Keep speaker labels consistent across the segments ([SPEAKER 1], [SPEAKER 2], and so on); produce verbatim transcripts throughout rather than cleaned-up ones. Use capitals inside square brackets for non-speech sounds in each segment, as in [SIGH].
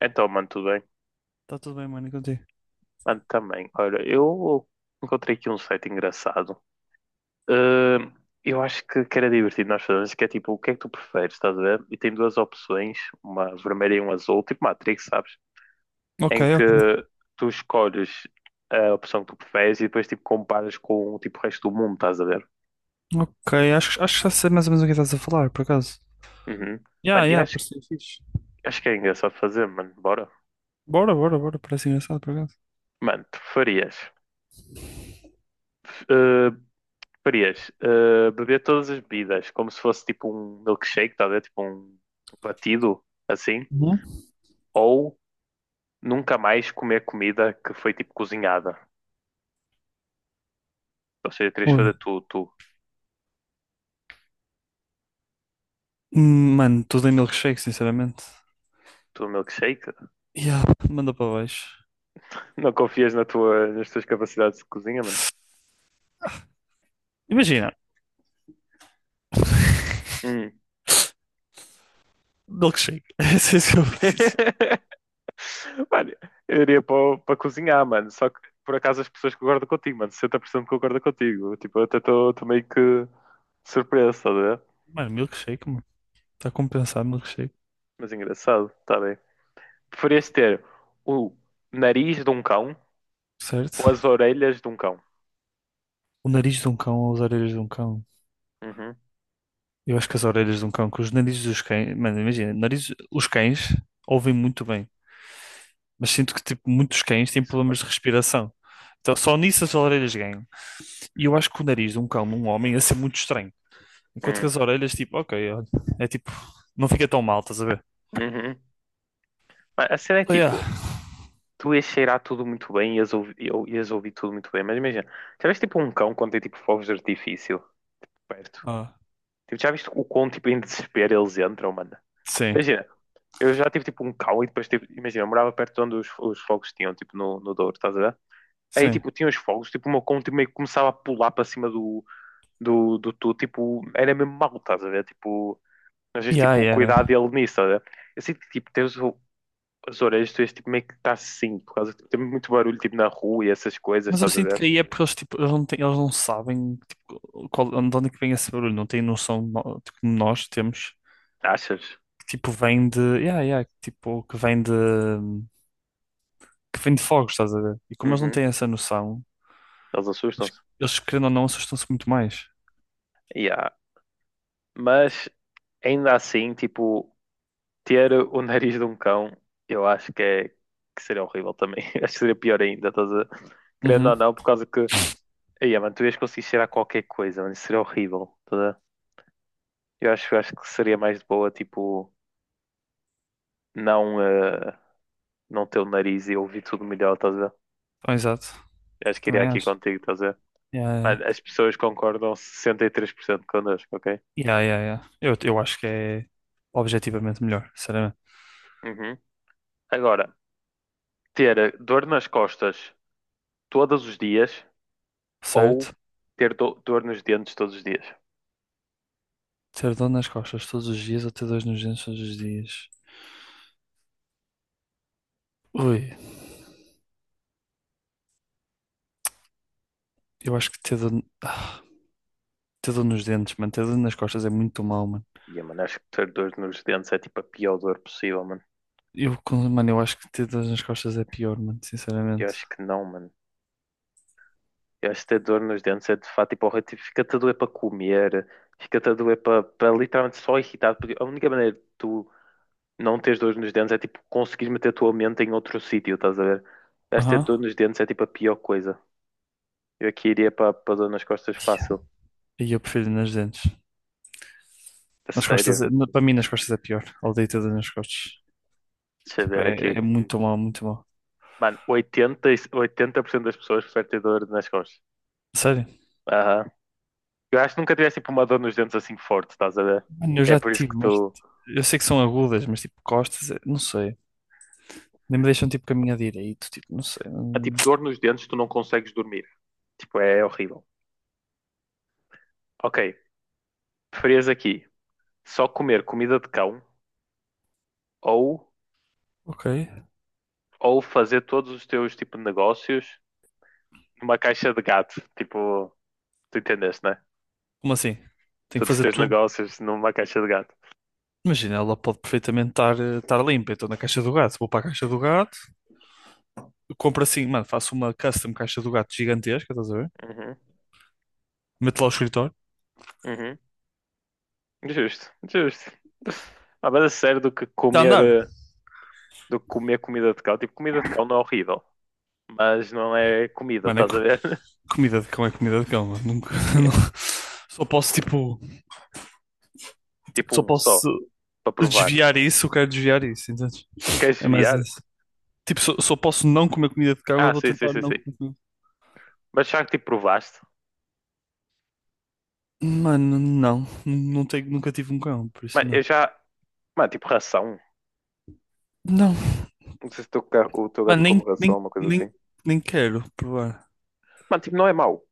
[SPEAKER 1] Então, mano, tudo bem?
[SPEAKER 2] Tá tudo bem, mano, e contigo?
[SPEAKER 1] Mano, também. Olha, eu encontrei aqui um site engraçado. Ahm, eu acho que, que era divertido nós fazermos, que é tipo, o que é que tu preferes, estás a ver? E tem duas opções, uma vermelha e uma azul, tipo Matrix, sabes?
[SPEAKER 2] Ok,
[SPEAKER 1] Em que
[SPEAKER 2] ok.
[SPEAKER 1] tu escolhes a opção que tu preferes e depois tipo comparas com tipo, o resto do mundo, estás a ver?
[SPEAKER 2] Ok, acho, acho que já sei mais ou menos o que estás a falar, por acaso.
[SPEAKER 1] Uhum.
[SPEAKER 2] Ya, yeah,
[SPEAKER 1] Mano,
[SPEAKER 2] ya,
[SPEAKER 1] eu
[SPEAKER 2] yeah,
[SPEAKER 1] acho,
[SPEAKER 2] parecia fixe.
[SPEAKER 1] acho que é engraçado fazer, mano. Bora.
[SPEAKER 2] Bora, bora, bora, parece engraçado, por acaso.
[SPEAKER 1] Mano, tu farias. Preferias eh, beber todas as bebidas como se fosse tipo um milkshake, tá a ver? Tipo um batido assim,
[SPEAKER 2] Uhum.
[SPEAKER 1] ou nunca mais comer comida que foi tipo cozinhada? Ou seja, terias de fazer
[SPEAKER 2] Oi.
[SPEAKER 1] tu, tu,
[SPEAKER 2] Hum, Mano, tudo em milkshake, sinceramente.
[SPEAKER 1] tu um milkshake? [LAUGHS]
[SPEAKER 2] Ya, manda para baixo.
[SPEAKER 1] Não confias na tua, nas tuas capacidades de cozinha, mano?
[SPEAKER 2] Imagina,
[SPEAKER 1] Hum.
[SPEAKER 2] milkshake. [LAUGHS] É isso que eu vou dizer.
[SPEAKER 1] [LAUGHS] Mano, eu iria para, para cozinhar, mano. Só que por acaso as pessoas concordam contigo, mano. sessenta por cento concordam contigo. Tipo, eu até estou meio que surpreso, tá a ver?
[SPEAKER 2] Mano, milkshake, mano. Está a compensar milkshake,
[SPEAKER 1] Mas engraçado, tá bem. Preferias ter o nariz de um cão ou as
[SPEAKER 2] certo?
[SPEAKER 1] orelhas de um cão?
[SPEAKER 2] O nariz de um cão ou as orelhas de um cão?
[SPEAKER 1] Uhum.
[SPEAKER 2] Eu acho que as orelhas de um cão, que os narizes dos cães. Mano, imagina, nariz, os cães ouvem muito bem, mas sinto que, tipo, muitos cães têm
[SPEAKER 1] Isso,
[SPEAKER 2] problemas
[SPEAKER 1] mano.
[SPEAKER 2] de respiração. Então, só nisso as orelhas ganham. E eu acho que o nariz de um cão num homem ia ser muito estranho. Enquanto que
[SPEAKER 1] Hum.
[SPEAKER 2] as orelhas, tipo, ok, olha, é tipo, não fica tão mal, estás a ver?
[SPEAKER 1] Uhum. Mas a cena é
[SPEAKER 2] Oh,
[SPEAKER 1] tipo,
[SPEAKER 2] yeah.
[SPEAKER 1] tu ias cheirar tudo muito bem, ias ouvir, ias ouvir tudo muito bem, mas imagina, já viste tipo um cão quando tem tipo fogos de artifício perto?
[SPEAKER 2] Ah,
[SPEAKER 1] Tipo, já viste o quão tipo em desespero eles entram, mano?
[SPEAKER 2] sim,
[SPEAKER 1] Imagina, eu já tive tipo um cão e depois tipo, imagina, eu morava perto de onde os, os fogos tinham, tipo no, no Douro, estás a ver? Aí
[SPEAKER 2] sim.
[SPEAKER 1] tipo, tinha os fogos, tipo o meu cão tipo, meio que começava a pular para cima do, do, do tu, tipo, era mesmo mau, estás a ver? Tipo, às vezes,
[SPEAKER 2] Yeah,
[SPEAKER 1] tipo,
[SPEAKER 2] yeah, yeah.
[SPEAKER 1] cuidado dele nisso, estás a ver? Eu sinto que, tipo, tens o- as orelhas, tu és, tipo, meio que está assim, por causa que tipo, tem muito barulho, tipo, na rua e essas coisas,
[SPEAKER 2] Mas eu
[SPEAKER 1] estás a
[SPEAKER 2] sinto que
[SPEAKER 1] ver?
[SPEAKER 2] aí é porque eles, tipo, eles não têm, eles não sabem tipo qual, de onde é que vem esse barulho, não têm noção no- tipo como nós temos,
[SPEAKER 1] Achas?
[SPEAKER 2] que tipo vem de, yeah, yeah, que tipo que vem de, que vem de fogos, estás a ver? E como eles não
[SPEAKER 1] Uhum.
[SPEAKER 2] têm essa noção,
[SPEAKER 1] Eles
[SPEAKER 2] Eles,
[SPEAKER 1] assustam-se.
[SPEAKER 2] eles, querendo ou não, assustam-se muito mais.
[SPEAKER 1] Yeah. Mas, ainda assim, tipo, ter o nariz de um cão, eu acho que é, que seria horrível também. [LAUGHS] Acho que seria pior ainda, estás a. Querendo
[SPEAKER 2] Uhum.
[SPEAKER 1] ou não, por causa que, aí, mano, tu ias conseguir cheirar qualquer coisa, mano, isso seria horrível, estás a ver? Eu acho, eu acho que seria mais de boa, tipo, não, eh, não ter o nariz e ouvir tudo melhor, estás a ver?
[SPEAKER 2] Ah, exato.
[SPEAKER 1] Eu acho que iria
[SPEAKER 2] Também
[SPEAKER 1] aqui
[SPEAKER 2] acho.
[SPEAKER 1] contigo, estás a ver?
[SPEAKER 2] Yeah,
[SPEAKER 1] Mas
[SPEAKER 2] yeah.
[SPEAKER 1] As pessoas concordam sessenta e três por cento connosco, ok?
[SPEAKER 2] Yeah, yeah, yeah. Eu, eu acho que é objetivamente melhor, sinceramente.
[SPEAKER 1] Uhum. Agora, ter eh, dor nas costas todos os dias ou
[SPEAKER 2] Certo?
[SPEAKER 1] ter do- dor nos dentes todos os dias?
[SPEAKER 2] Ter dor nas costas todos os dias ou ter dor nos dentes todos os dias? Ui, eu acho que ter dor, ah, ter dor nos dentes, mano. Ter dor nas costas é muito mal, mano.
[SPEAKER 1] Ia, mano, acho que ter dor nos dentes é tipo a pior dor possível, mano.
[SPEAKER 2] Eu, com- mano, eu acho que ter dor nas costas é pior, mano,
[SPEAKER 1] Eu
[SPEAKER 2] sinceramente.
[SPEAKER 1] acho que não, mano. Eu acho que ter dor nos dentes é de fato tipo horrível. Tipo, fica-te a doer para comer, fica-te a doer para para literalmente só irritar. Porque a única maneira de tu não teres dor nos dentes é tipo conseguir meter a tua mente em outro sítio, estás a ver? Acho que ter dor
[SPEAKER 2] Aham.
[SPEAKER 1] nos dentes é tipo a pior coisa. Eu aqui iria para para dor nas costas fácil.
[SPEAKER 2] E eu prefiro nas dentes.
[SPEAKER 1] A
[SPEAKER 2] Nas costas,
[SPEAKER 1] sério.
[SPEAKER 2] é- na- para mim, nas costas é pior. Odeio ter dor nas costas.
[SPEAKER 1] Deixa eu
[SPEAKER 2] Tipo,
[SPEAKER 1] ver
[SPEAKER 2] é,
[SPEAKER 1] aqui.
[SPEAKER 2] é muito mal, muito mal.
[SPEAKER 1] Mano, oitenta e- oitenta por cento das pessoas preferem ter dor nas costas.
[SPEAKER 2] Sério?
[SPEAKER 1] Aham. Eu acho que nunca tivesse tipo uma dor nos dentes assim forte, estás a ver?
[SPEAKER 2] Mano, eu
[SPEAKER 1] É
[SPEAKER 2] já
[SPEAKER 1] por isso
[SPEAKER 2] tive,
[SPEAKER 1] que
[SPEAKER 2] mas
[SPEAKER 1] tu.
[SPEAKER 2] eu sei que são agudas, mas tipo costas, eh, não sei. Nem me deixam tipo caminhar direito, tipo, não sei.
[SPEAKER 1] É
[SPEAKER 2] hum,
[SPEAKER 1] tipo dor nos dentes, tu não consegues dormir. Tipo, é horrível. Ok, preferias aqui só comer comida de cão ou,
[SPEAKER 2] ok.
[SPEAKER 1] ou fazer todos os teus tipo de negócios numa caixa de gato? Tipo, tu entendeste, né?
[SPEAKER 2] Como assim? Tenho que
[SPEAKER 1] Todos os
[SPEAKER 2] fazer
[SPEAKER 1] teus
[SPEAKER 2] tudo.
[SPEAKER 1] negócios numa caixa de gato.
[SPEAKER 2] Imagina, ela pode perfeitamente estar, eh, estar limpa. Então na caixa do gato, vou para a caixa do gato, eu compro assim, mano, faço uma custom caixa do gato gigantesca, estás a ver?
[SPEAKER 1] Uhum,
[SPEAKER 2] Meto lá o escritório,
[SPEAKER 1] uhum. Justo, justo. Ah, mas a sério do que
[SPEAKER 2] está a
[SPEAKER 1] comer,
[SPEAKER 2] andar.
[SPEAKER 1] eh, do que comer comida de cão. Tipo, comida de cão não é horrível, mas não é comida,
[SPEAKER 2] Mano, é
[SPEAKER 1] estás a
[SPEAKER 2] co-
[SPEAKER 1] ver? [LAUGHS]
[SPEAKER 2] comida de cão, é comida de cão, mano. Nunca, [LAUGHS]
[SPEAKER 1] É,
[SPEAKER 2] não- só posso tipo, tipo,
[SPEAKER 1] tipo
[SPEAKER 2] só
[SPEAKER 1] um só,
[SPEAKER 2] posso
[SPEAKER 1] para provar.
[SPEAKER 2] desviar isso, eu quero desviar isso, entendes?
[SPEAKER 1] Tu queres
[SPEAKER 2] É mais
[SPEAKER 1] desviar?
[SPEAKER 2] isso. Tipo, só, só posso não comer comida de cão, eu
[SPEAKER 1] Ah,
[SPEAKER 2] vou
[SPEAKER 1] sim, sim,
[SPEAKER 2] tentar
[SPEAKER 1] sim,
[SPEAKER 2] não
[SPEAKER 1] sim.
[SPEAKER 2] comer comida.
[SPEAKER 1] Mas já que tipo provaste?
[SPEAKER 2] Mano, não. Não tenho, nunca tive um cão, por isso
[SPEAKER 1] Mano, eu
[SPEAKER 2] não.
[SPEAKER 1] já. Mano, tipo ração.
[SPEAKER 2] Não.
[SPEAKER 1] Não sei se o teu, ca- o teu gato
[SPEAKER 2] Mano,
[SPEAKER 1] come
[SPEAKER 2] nem,
[SPEAKER 1] ração,
[SPEAKER 2] nem,
[SPEAKER 1] uma coisa
[SPEAKER 2] nem,
[SPEAKER 1] assim.
[SPEAKER 2] nem quero provar.
[SPEAKER 1] Mano, tipo, não é mau,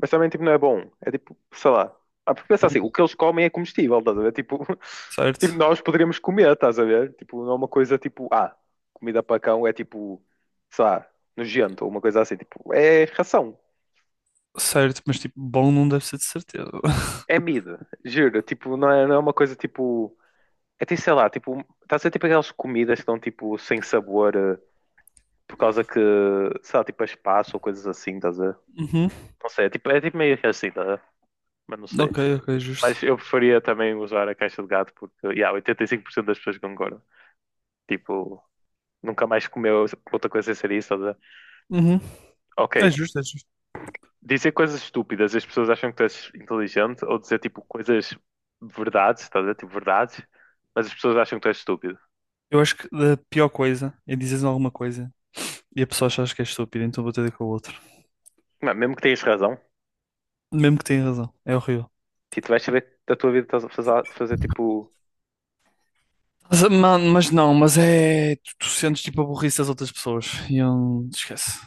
[SPEAKER 1] mas também tipo, não é bom. É tipo, sei lá. Ah, porque pensa
[SPEAKER 2] Bom,
[SPEAKER 1] assim, o que eles comem é comestível, estás a ver? Tipo, [LAUGHS]
[SPEAKER 2] certo.
[SPEAKER 1] tipo, nós poderíamos comer, estás a ver? Tipo, não é uma coisa tipo, ah, comida para cão é tipo, sei lá, nojento ou uma coisa assim. Tipo, é ração,
[SPEAKER 2] Certo, mas tipo, bom não deve ser de certeza. [LAUGHS]
[SPEAKER 1] é mida, juro. Tipo, não é, não é uma coisa tipo. É tipo, sei lá, tipo, estás a ver tipo aquelas comidas que estão tipo sem sabor eh, por causa que, sei lá, tipo, é espaço ou coisas assim, estás a ver?
[SPEAKER 2] Uhum.
[SPEAKER 1] Não sei, é tipo, é tipo meio que assim, tá? Mas não sei.
[SPEAKER 2] Ok, ok,
[SPEAKER 1] Mas
[SPEAKER 2] justo.
[SPEAKER 1] eu preferia também usar a caixa de gato porque, yeah, oitenta e cinco por cento das pessoas concordam. Tipo, nunca mais comeu outra coisa sem ser isso. Ou
[SPEAKER 2] Uhum.
[SPEAKER 1] ok,
[SPEAKER 2] É justo, é justo.
[SPEAKER 1] dizer coisas estúpidas, as pessoas acham que tu és inteligente, ou dizer tipo coisas verdades, estás a dizer? Tipo verdades, mas as pessoas acham que tu és estúpido.
[SPEAKER 2] Eu acho que a pior coisa é dizeres alguma coisa e a pessoa achas que é estúpida, então vou ter de ir com o outro.
[SPEAKER 1] Mano, mesmo que tenhas razão,
[SPEAKER 2] Mesmo que tenha razão. É horrível.
[SPEAKER 1] tipo, tu vais saber da tua vida estás a fazer, fazer tipo,
[SPEAKER 2] Mas, mano, mas não, mas é. Tu, tu sentes tipo a burrice das outras pessoas. E eu. Esquece.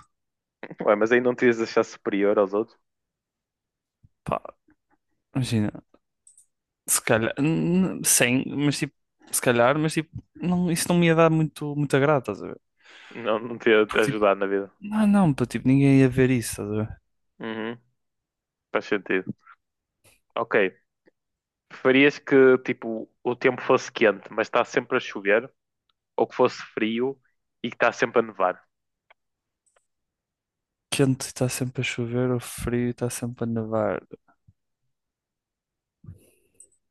[SPEAKER 1] ué, mas aí não te ias achar superior aos outros,
[SPEAKER 2] Pá. Imagina, se calhar, n- sem, mas tipo, se calhar, mas tipo, não, isso não me ia dar muito, muito agrado, estás a ver?
[SPEAKER 1] não, não te ia
[SPEAKER 2] Porque tipo,
[SPEAKER 1] ajudar na vida.
[SPEAKER 2] não, não, pá, tipo, ninguém ia ver isso, estás a ver?
[SPEAKER 1] Uhum, faz sentido. Ok, preferias que tipo o tempo fosse quente, mas está sempre a chover, ou que fosse frio e que está sempre a nevar?
[SPEAKER 2] Quente está sempre a chover, ou frio está sempre a nevar.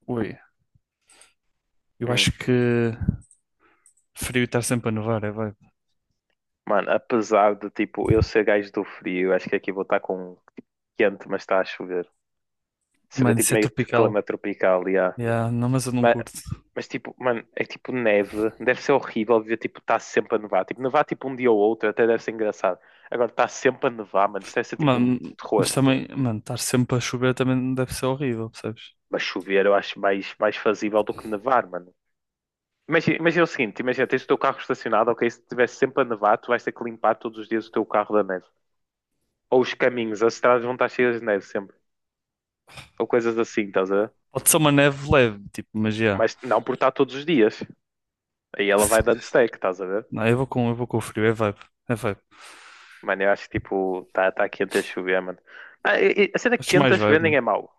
[SPEAKER 2] Ui, eu
[SPEAKER 1] Hum.
[SPEAKER 2] acho que frio está sempre a nevar, é vai.
[SPEAKER 1] Mano, apesar de tipo eu ser gajo do frio, acho que aqui vou estar com quente, mas está a chover. Seria
[SPEAKER 2] Mano,
[SPEAKER 1] tipo
[SPEAKER 2] isso é
[SPEAKER 1] meio que
[SPEAKER 2] tropical.
[SPEAKER 1] clima tropical, yeah.
[SPEAKER 2] Yeah, não, mas eu não
[SPEAKER 1] Mas,
[SPEAKER 2] curto.
[SPEAKER 1] mas tipo, mano, é tipo neve, deve ser horrível ver tipo está sempre a nevar. Tipo, nevar tipo um dia ou outro até deve ser engraçado. Agora está sempre a nevar, mano, isto deve ser tipo um
[SPEAKER 2] Mano, mas
[SPEAKER 1] terror.
[SPEAKER 2] também, mano, estar sempre a chover também deve ser horrível, percebes?
[SPEAKER 1] Mas chover eu acho mais, mais fazível do que nevar, mano. Imagina, imagina o seguinte, imagina, tens o teu carro estacionado, ok? Se estiver sempre a nevar, tu vais ter que limpar todos os dias o teu carro da neve. Ou os caminhos, as estradas vão estar cheias de neve sempre. Ou coisas assim, estás a ver?
[SPEAKER 2] Pode ser uma neve leve, tipo, mas yeah.
[SPEAKER 1] Mas não por estar todos os dias. Aí ela vai
[SPEAKER 2] [LAUGHS]
[SPEAKER 1] dando stack, estás a ver?
[SPEAKER 2] Não, eu vou com, eu vou com o frio, é vibe, é vibe.
[SPEAKER 1] Mano, eu acho que tipo, está tá quente a chover, mano. Ah, e- e a cena
[SPEAKER 2] Acho
[SPEAKER 1] quente
[SPEAKER 2] mais
[SPEAKER 1] a chover
[SPEAKER 2] vibe,
[SPEAKER 1] nem é
[SPEAKER 2] mano.
[SPEAKER 1] mau.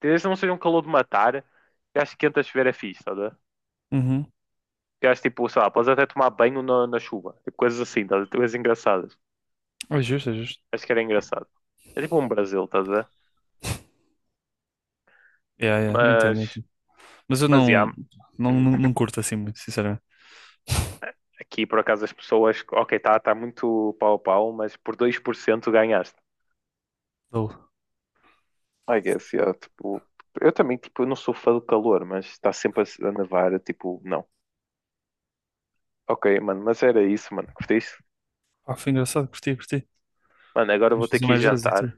[SPEAKER 1] Desde que não seja um calor de matar, eu acho que quente a chover é fixe, estás a ver?
[SPEAKER 2] Uhum.
[SPEAKER 1] Eu acho tipo, sei lá, podes até tomar banho na, na chuva. Tipo, coisas assim, estás a ver? Coisas engraçadas.
[SPEAKER 2] É justo, é justo.
[SPEAKER 1] Acho que era engraçado. É tipo um Brasil, estás a ver?
[SPEAKER 2] Yeah, yeah, entendo,
[SPEAKER 1] Mas
[SPEAKER 2] entendo. Mas eu
[SPEAKER 1] Mas
[SPEAKER 2] não,
[SPEAKER 1] yeah,
[SPEAKER 2] não,
[SPEAKER 1] hum,
[SPEAKER 2] não, não curto assim muito, sinceramente.
[SPEAKER 1] aqui por acaso as pessoas, ok, está tá tá muito pau a pau, mas por dois por cento ganhaste.
[SPEAKER 2] Oh.
[SPEAKER 1] I guess, yeah, tipo, eu também, tipo, eu não sou fã do calor, mas está sempre a, a nevar, eu, tipo, não. Ok, mano, mas era isso, mano, curtiste?
[SPEAKER 2] Ah, foi engraçado, curti, curti.
[SPEAKER 1] Mano, agora eu vou
[SPEAKER 2] Podemos
[SPEAKER 1] ter
[SPEAKER 2] fazer
[SPEAKER 1] que ir
[SPEAKER 2] mais vezes e
[SPEAKER 1] jantar.
[SPEAKER 2] tudo.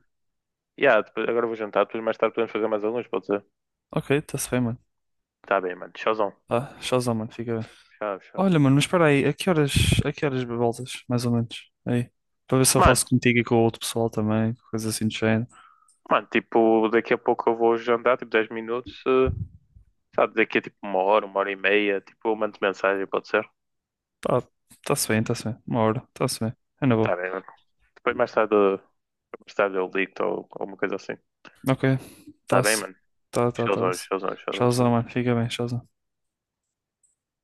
[SPEAKER 1] Yeah, depois, agora eu vou jantar, depois mais tarde podemos fazer mais alguns, pode ser?
[SPEAKER 2] Ok, está-se bem, mano.
[SPEAKER 1] Tá bem, mano, tchauzão.
[SPEAKER 2] Tá, tchauzão, mano, fica bem.
[SPEAKER 1] Tchau, tchau.
[SPEAKER 2] Olha, mano, mas espera aí, a que horas, a que horas voltas, mais ou menos? Aí, para ver se eu
[SPEAKER 1] Mano,
[SPEAKER 2] faço contigo e com o outro pessoal também, coisa assim do género.
[SPEAKER 1] mano, tipo, daqui a pouco eu vou jantar, tipo, dez minutos, eh, sabe, daqui a tipo uma hora, uma hora e meia, tipo, eu mando mensagem, pode ser?
[SPEAKER 2] Tá, tá-se bem, tá-se bem. Uma hora, tá-se bem. É na
[SPEAKER 1] Tá
[SPEAKER 2] boa.
[SPEAKER 1] bem, mano. Depois mais tarde eh, Stardew League ou alguma coisa assim.
[SPEAKER 2] Ok,
[SPEAKER 1] Tá bem,
[SPEAKER 2] tá-se.
[SPEAKER 1] mano?
[SPEAKER 2] Tá, tá,
[SPEAKER 1] Showzão,
[SPEAKER 2] tá-se.
[SPEAKER 1] showzão, showzão,
[SPEAKER 2] Tchauzão,
[SPEAKER 1] showzão.
[SPEAKER 2] mano, fica bem, tchauzão.